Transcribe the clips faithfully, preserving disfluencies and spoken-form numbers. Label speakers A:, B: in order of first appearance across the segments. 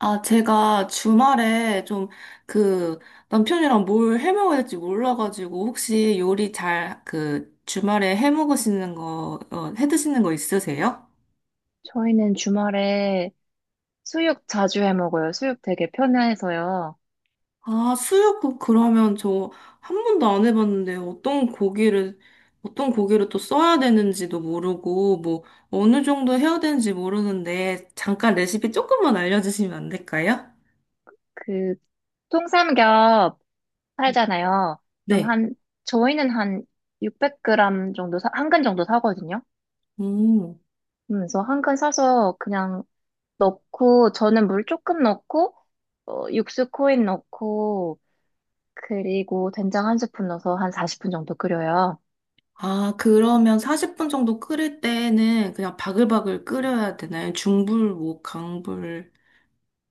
A: 아, 제가 주말에 좀 그 남편이랑 뭘 해먹어야 될지 몰라가지고 혹시 요리 잘 그 주말에 해먹으시는 거, 어, 해드시는 거 있으세요?
B: 저희는 주말에 수육 자주 해 먹어요. 수육 되게 편해서요.
A: 아, 수육국 그러면 저 한 번도 안 해봤는데 어떤 고기를, 어떤 고기를 또 써야 되는지도 모르고 뭐 어느 정도 해야 되는지 모르는데 잠깐 레시피 조금만 알려주시면 안 될까요?
B: 그 통삼겹 팔잖아요. 그럼
A: 네.
B: 한 저희는 한 육백 그램 정도 사, 한 근 정도 사거든요.
A: 음.
B: 음, 그래서 한근 사서 그냥 넣고 저는 물 조금 넣고 어, 육수 코인 넣고 그리고 된장 한 스푼 넣어서 한 사십 분 정도 끓여요.
A: 아, 그러면 사십 분 정도 끓일 때는 그냥 바글바글 끓여야 되나요? 중불, 뭐, 강불.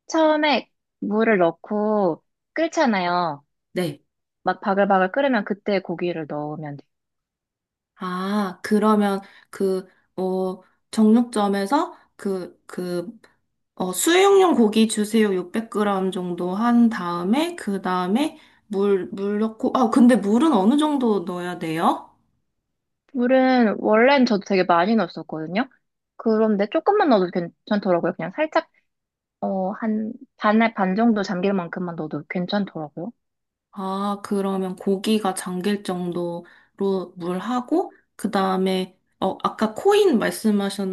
B: 처음에 물을 넣고 끓잖아요.
A: 네.
B: 막 바글바글 끓으면 그때 고기를 넣으면 돼요.
A: 아, 그러면 그, 어, 정육점에서 그, 그, 어, 수육용 고기 주세요. 육백 그램 정도 한 다음에, 그 다음에 물, 물 넣고, 아, 근데 물은 어느 정도 넣어야 돼요?
B: 물은 원래는 저도 되게 많이 넣었었거든요. 그런데 조금만 넣어도 괜찮더라고요. 그냥 살짝 어, 한 반에 반 정도 잠길 만큼만 넣어도 괜찮더라고요.
A: 아, 그러면 고기가 잠길 정도로 물 하고, 그 다음에, 어, 아까 코인 말씀하셨,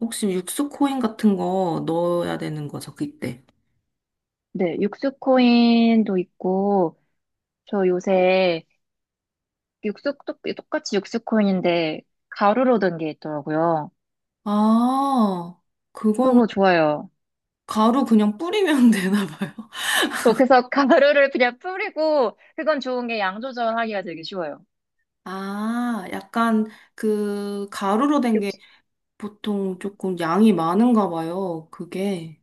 A: 혹시 육수 코인 같은 거 넣어야 되는 거죠, 그때?
B: 네, 육수코인도 있고 저 요새 육수 똑- 똑같이 육수코인인데 가루로 된 게 있더라고요.
A: 아, 그건
B: 그거 좋아요.
A: 가루 그냥 뿌리면 되나 봐요.
B: 어, 그래서 가루를 그냥 뿌리고 그건 좋은 게 양 조절하기가 되게 쉬워요.
A: 아, 약간 그 가루로 된
B: 육,
A: 게 보통 조금 양이 많은가 봐요, 그게.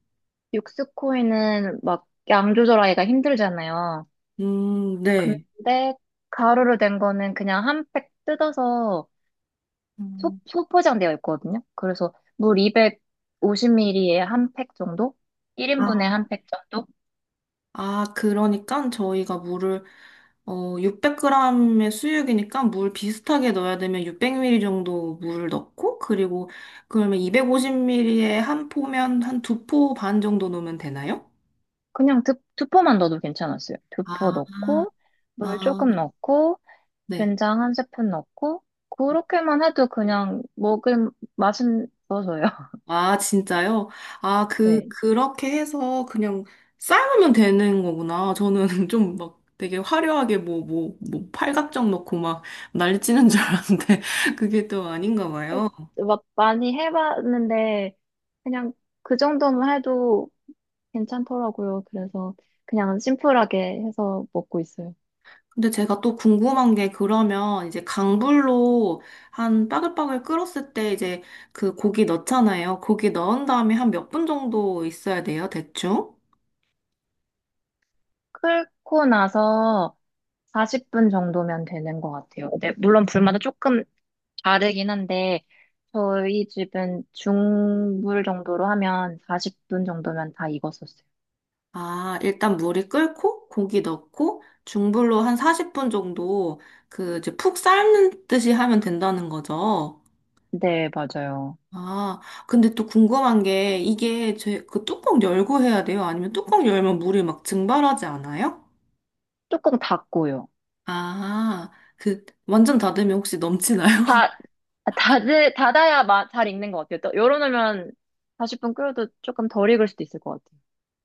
B: 육수코인은 막 양 조절하기가 힘들잖아요.
A: 음, 네.
B: 근데 가루로 된 거는 그냥 한 팩 뜯어서 소,
A: 음.
B: 소포장되어 있거든요. 그래서 물 이백오십 밀리리터에 한 팩 정도? 일 인분에 한 팩 정도?
A: 아, 그러니까 저희가 물을 어, 육백 그램의 수육이니까 물 비슷하게 넣어야 되면 육백 밀리리터 정도 물을 넣고 그리고 그러면 이백오십 밀리리터에 한 포면 한 두 포반 정도 넣으면 되나요?
B: 그냥 두, 두 포만 넣어도 괜찮았어요. 두 포
A: 아,
B: 넣고, 물
A: 아,
B: 조금 넣고,
A: 네.
B: 된장 한 스푼 넣고, 그렇게만 해도 그냥 먹은 맛은 있어서요.
A: 아, 진짜요? 아, 그,
B: 네.
A: 그렇게 해서 그냥 삶으면 되는 거구나. 저는 좀 막 되게 화려하게 뭐, 뭐, 뭐, 팔각정 넣고 막 난리 치는 줄 알았는데 그게 또 아닌가
B: 어,
A: 봐요.
B: 막 많이 해봤는데, 그냥 그 정도만 해도 괜찮더라고요. 그래서 그냥 심플하게 해서 먹고 있어요.
A: 근데 제가 또 궁금한 게 그러면 이제 강불로 한 빠글빠글 끓었을 때 이제 그 고기 넣잖아요. 고기 넣은 다음에 한 몇 분 정도 있어야 돼요, 대충?
B: 끓고 나서 사십 분 정도면 되는 것 같아요. 네, 물론 불마다 조금 다르긴 한데, 저희 집은 중불 정도로 하면 사십 분 정도면 다 익었었어요.
A: 아, 일단 물이 끓고 고기 넣고 중불로 한 사십 분 정도 그 이제 푹 삶는 듯이 하면 된다는 거죠.
B: 네, 맞아요.
A: 아, 근데 또 궁금한 게 이게 제 그 뚜껑 열고 해야 돼요? 아니면 뚜껑 열면 물이 막 증발하지 않아요?
B: 조금 닫고요.
A: 아, 그 완전 닫으면 혹시 넘치나요?
B: 다, 닫을, 닫아야 마- 잘 익는 것 같아요. 또 열어놓으면 사십 분 끓여도 조금 덜 익을 수도 있을 것 같아요.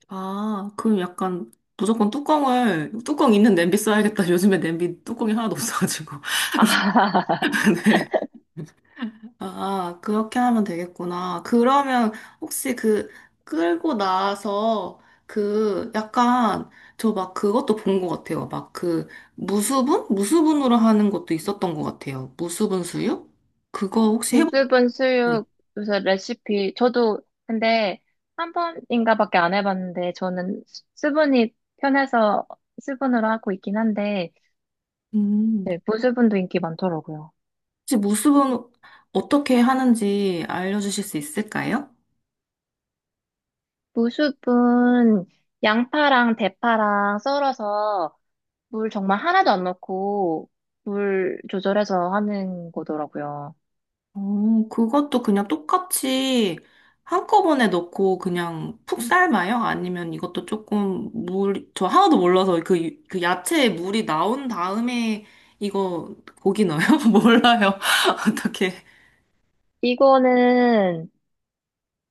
A: 아, 그럼 약간 무조건 뚜껑을, 뚜껑 있는 냄비 써야겠다. 요즘에 냄비 뚜껑이 하나도 없어가지고.
B: 아,
A: 네. 아, 그렇게 하면 되겠구나. 그러면 혹시 그 끌고 나서 그 약간 저 막 그것도 본 것 같아요. 막 그 무수분? 무수분으로 하는 것도 있었던 것 같아요. 무수분 수육? 그거 혹시 해보셨나요?
B: 무수분 수육 요새 레시피 저도 근데 한 번인가밖에 안 해봤는데 저는 수- 수분이 편해서 수분으로 하고 있긴 한데
A: 음.
B: 네, 무수분도 인기 많더라고요.
A: 혹시 무수분 어떻게 하는지 알려주실 수 있을까요?
B: 무수분 양파랑 대파랑 썰어서 물 정말 하나도 안 넣고 물 조절해서 하는 거더라고요.
A: 오, 그것도 그냥 똑같이 한꺼번에 넣고 그냥 푹 삶아요? 아니면 이것도 조금 물, 저 하나도 몰라서 그, 그 야채에 물이 나온 다음에 이거 고기 넣어요? 몰라요. 어떻게.
B: 이거는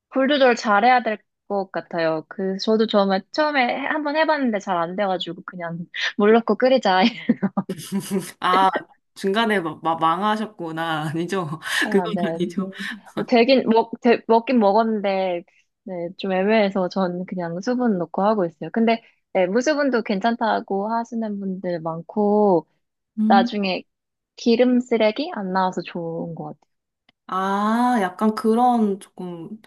B: 불 조절 잘해야 될 것 같아요. 그, 저도 처음에, 처음에 해- 한번 해봤는데 잘 안 돼가지고, 그냥 물 넣고 끓이자.
A: 아, 중간에 막, 막 망하셨구나. 아니죠?
B: 아,
A: 그건
B: 네.
A: 아니죠.
B: 음, 되긴, 먹, 되, 먹긴 먹었는데, 네, 좀 애매해서 전 그냥 수분 넣고 하고 있어요. 근데, 네, 무수분도 괜찮다고 하시는 분들 많고,
A: 음.
B: 나중에 기름 쓰레기 안 나와서 좋은 것 같아요.
A: 아, 약간 그런 조금.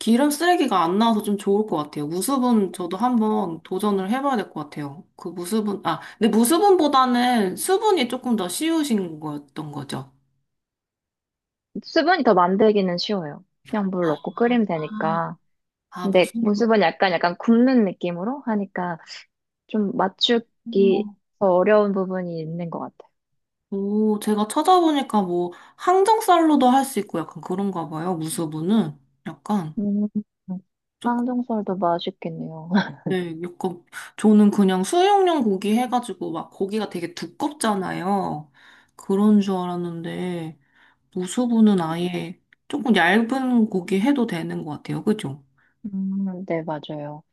A: 기름 쓰레기가 안 나와서 좀 좋을 것 같아요. 무수분 저도 한번 도전을 해봐야 될 것 같아요. 그 무수분, 아, 근데 무수분보다는 수분이 조금 더 쉬우신 거였던 거죠.
B: 수분이 더 만들기는 쉬워요. 그냥 물 넣고 끓이면
A: 아,
B: 되니까.
A: 아,
B: 근데
A: 무수분.
B: 무수분 약간, 약간 굽는 느낌으로 하니까, 좀 맞추기
A: 음.
B: 더 어려운 부분이 있는 것 같아요.
A: 오, 제가 찾아보니까 뭐 항정살로도 할 수 있고 약간 그런가 봐요. 무수분은 약간
B: 음,
A: 조금,
B: 쌍둥살도 맛있겠네요.
A: 네, 약간 저는 그냥 수육용 고기 해가지고 막 고기가 되게 두껍잖아요. 그런 줄 알았는데. 무수부는 아예 조금 얇은 고기 해도 되는 것 같아요. 그죠?
B: 음, 네, 맞아요.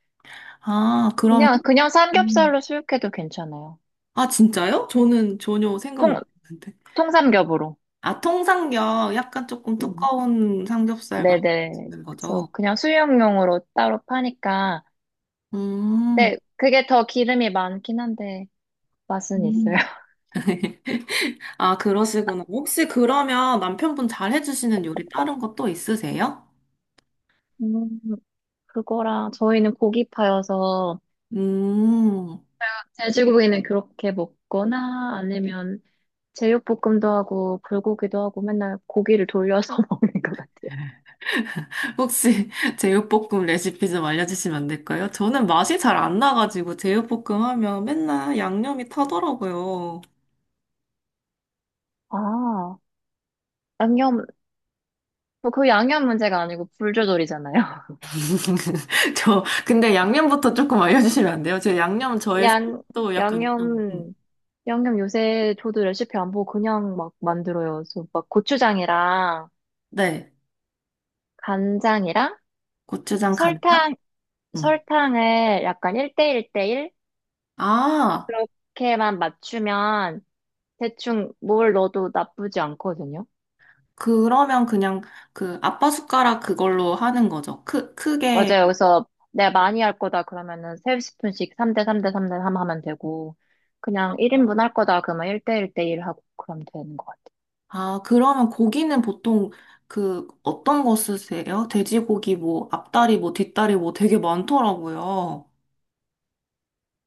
A: 아, 그럼,
B: 그냥, 그냥
A: 음.
B: 삼겹살로 수육해도 괜찮아요.
A: 아, 진짜요? 저는 전혀 생각
B: 통,
A: 못 했는데.
B: 통삼겹으로.
A: 아, 통삼겹, 약간 조금
B: 음,
A: 두꺼운 삼겹살
B: 네네.
A: 맛있는
B: 그래서
A: 거죠?
B: 그냥 수육용으로 따로 파니까.
A: 음.
B: 근데 그게 더 기름이 많긴 한데 맛은
A: 음.
B: 있어요.
A: 아, 그러시구나. 혹시 그러면 남편분 잘 해주시는 요리 다른 것도 있으세요?
B: 음, 그거랑 저희는 고기파여서
A: 음.
B: 제주고기는 그렇게 먹거나 아니면 제육볶음도 하고 불고기도 하고 맨날 고기를 돌려서 먹는 것 같아요.
A: 혹시 제육볶음 레시피 좀 알려주시면 안 될까요? 저는 맛이 잘 안 나가지고 제육볶음 하면 맨날 양념이 타더라고요.
B: 아, 양념, 뭐그 양념 문제가 아니고 불조절이잖아요.
A: 저, 근데 양념부터 조금 알려주시면 안 돼요? 제 양념 저의
B: 양,
A: 또 약간, 좀- 음.
B: 양념, 양념 요새 저도 레시피 안 보고 그냥 막 만들어요. 그래서 막 고추장이랑
A: 네,
B: 간장이랑
A: 고추장 간장?
B: 설탕,
A: 음.
B: 설탕을 약간 일 대일 대일
A: 아,
B: 그렇게만 맞추면 대충 뭘 넣어도 나쁘지 않거든요.
A: 그러면 그냥 그 아빠 숟가락 그걸로 하는 거죠. 크, 크게
B: 맞아요. 그래서 내가 많이 할 거다 그러면은 세 스푼씩 삼 대 삼 대 삼 대 삼 하면 되고 그냥 일 인분 할 거다 그러면 일 대 일 대 일 하고 그러면 되는 것 같아요.
A: 아, 그러면 고기는 보통 그 어떤 거 쓰세요? 돼지고기 뭐 앞다리 뭐 뒷다리 뭐 되게 많더라고요.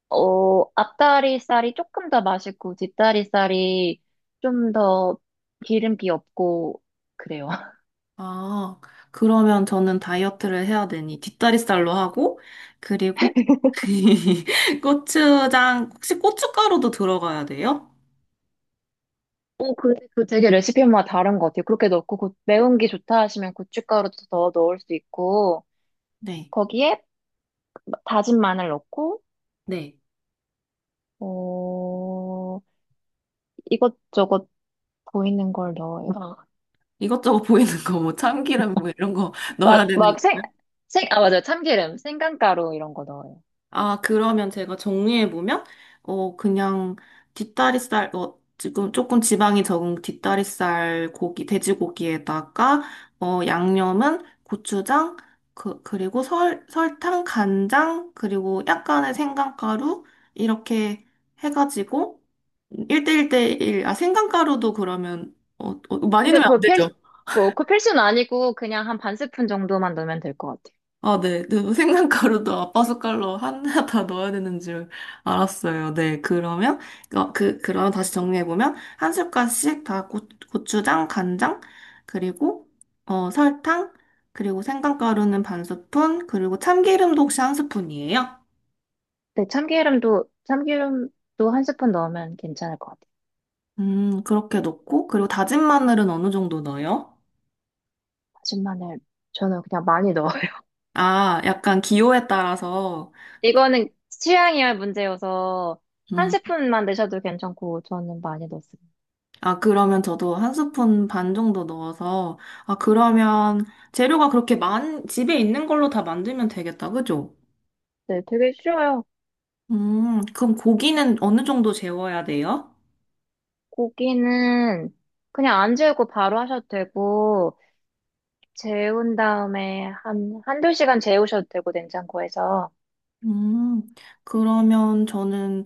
B: 어, 앞다리살이 조금 더 맛있고 뒷다리살이 좀 더 기름기 없고 그래요.
A: 아, 그러면 저는 다이어트를 해야 되니 뒷다리살로 하고 그리고 고추장 혹시 고춧가루도 들어가야 돼요?
B: 오, 그, 그 되게 레시피마다 다른 것 같아요. 그렇게 넣고 고- 매운 게 좋다 하시면 고춧가루도 더 넣을 수 있고
A: 네.
B: 거기에 다진 마늘 넣고
A: 네.
B: 어, 이것저것 보이는 걸 넣어요.
A: 이것저것 보이는 거 뭐 참기름 뭐 이런 거 넣어야
B: 막,
A: 되는
B: 막 생, 생, 아, 맞아. 요 참기름, 생강가루 이런 거 넣어요.
A: 아, 그러면 제가 정리해보면, 어, 그냥 뒷다리살, 어, 지금 조금 지방이 적은 뒷다리살 고기, 돼지고기에다가, 어, 양념은 고추장, 그, 그리고 설, 설탕, 간장, 그리고 약간의 생강가루, 이렇게 해가지고, 일 대일 대일, 아, 생강가루도 그러면, 어, 어, 많이
B: 근데
A: 넣으면 안
B: 그거 필,
A: 되죠?
B: 그거, 그 필수는 아니고 그냥 한 반 스푼 정도만 넣으면 될 것 같아요.
A: 아, 네. 그 생강가루도 아빠 숟갈로 하나 다 넣어야 되는 줄 알았어요. 네. 그러면, 어, 그, 그럼 다시 정리해보면, 한 숟갈씩 다 고, 고추장, 간장, 그리고, 어, 설탕, 그리고 생강가루는 반 스푼, 그리고 참기름도 혹시 한 스푼이에요?
B: 네, 참기름도, 참기름도 한 스푼 넣으면 괜찮을 것 같아요.
A: 음, 그렇게 넣고, 그리고 다진 마늘은 어느 정도 넣어요?
B: 다진 마늘, 저는 그냥 많이 넣어요.
A: 아, 약간 기호에 따라서,
B: 이거는 취향이야 문제여서 한
A: 음.
B: 스푼만 넣으셔도 괜찮고 저는 많이 넣습니다.
A: 아, 그러면 저도 한 스푼 반 정도 넣어서, 아, 그러면 재료가 그렇게 많, 집에 있는 걸로 다 만들면 되겠다, 그죠?
B: 네, 되게 쉬워요.
A: 음, 그럼 고기는 어느 정도 재워야 돼요?
B: 고기는 그냥 안 재우고 바로 하셔도 되고, 재운 다음에 한, 한두 시간 재우셔도 되고, 냉장고에서.
A: 음, 그러면 저는,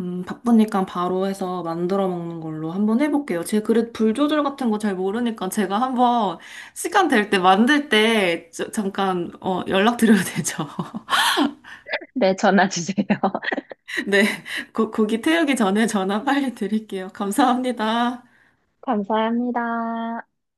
A: 음, 바쁘니까 바로 해서 만들어 먹는 걸로 한번 해볼게요. 제 그릇 불 조절 같은 거 잘 모르니까 제가 한번 시간 될 때 만들 때 저- 잠깐, 어, 연락드려도 되죠?
B: 네, 전화 주세요.
A: 네, 고, 고기 태우기 전에 전화 빨리 드릴게요. 감사합니다.
B: 감사합니다.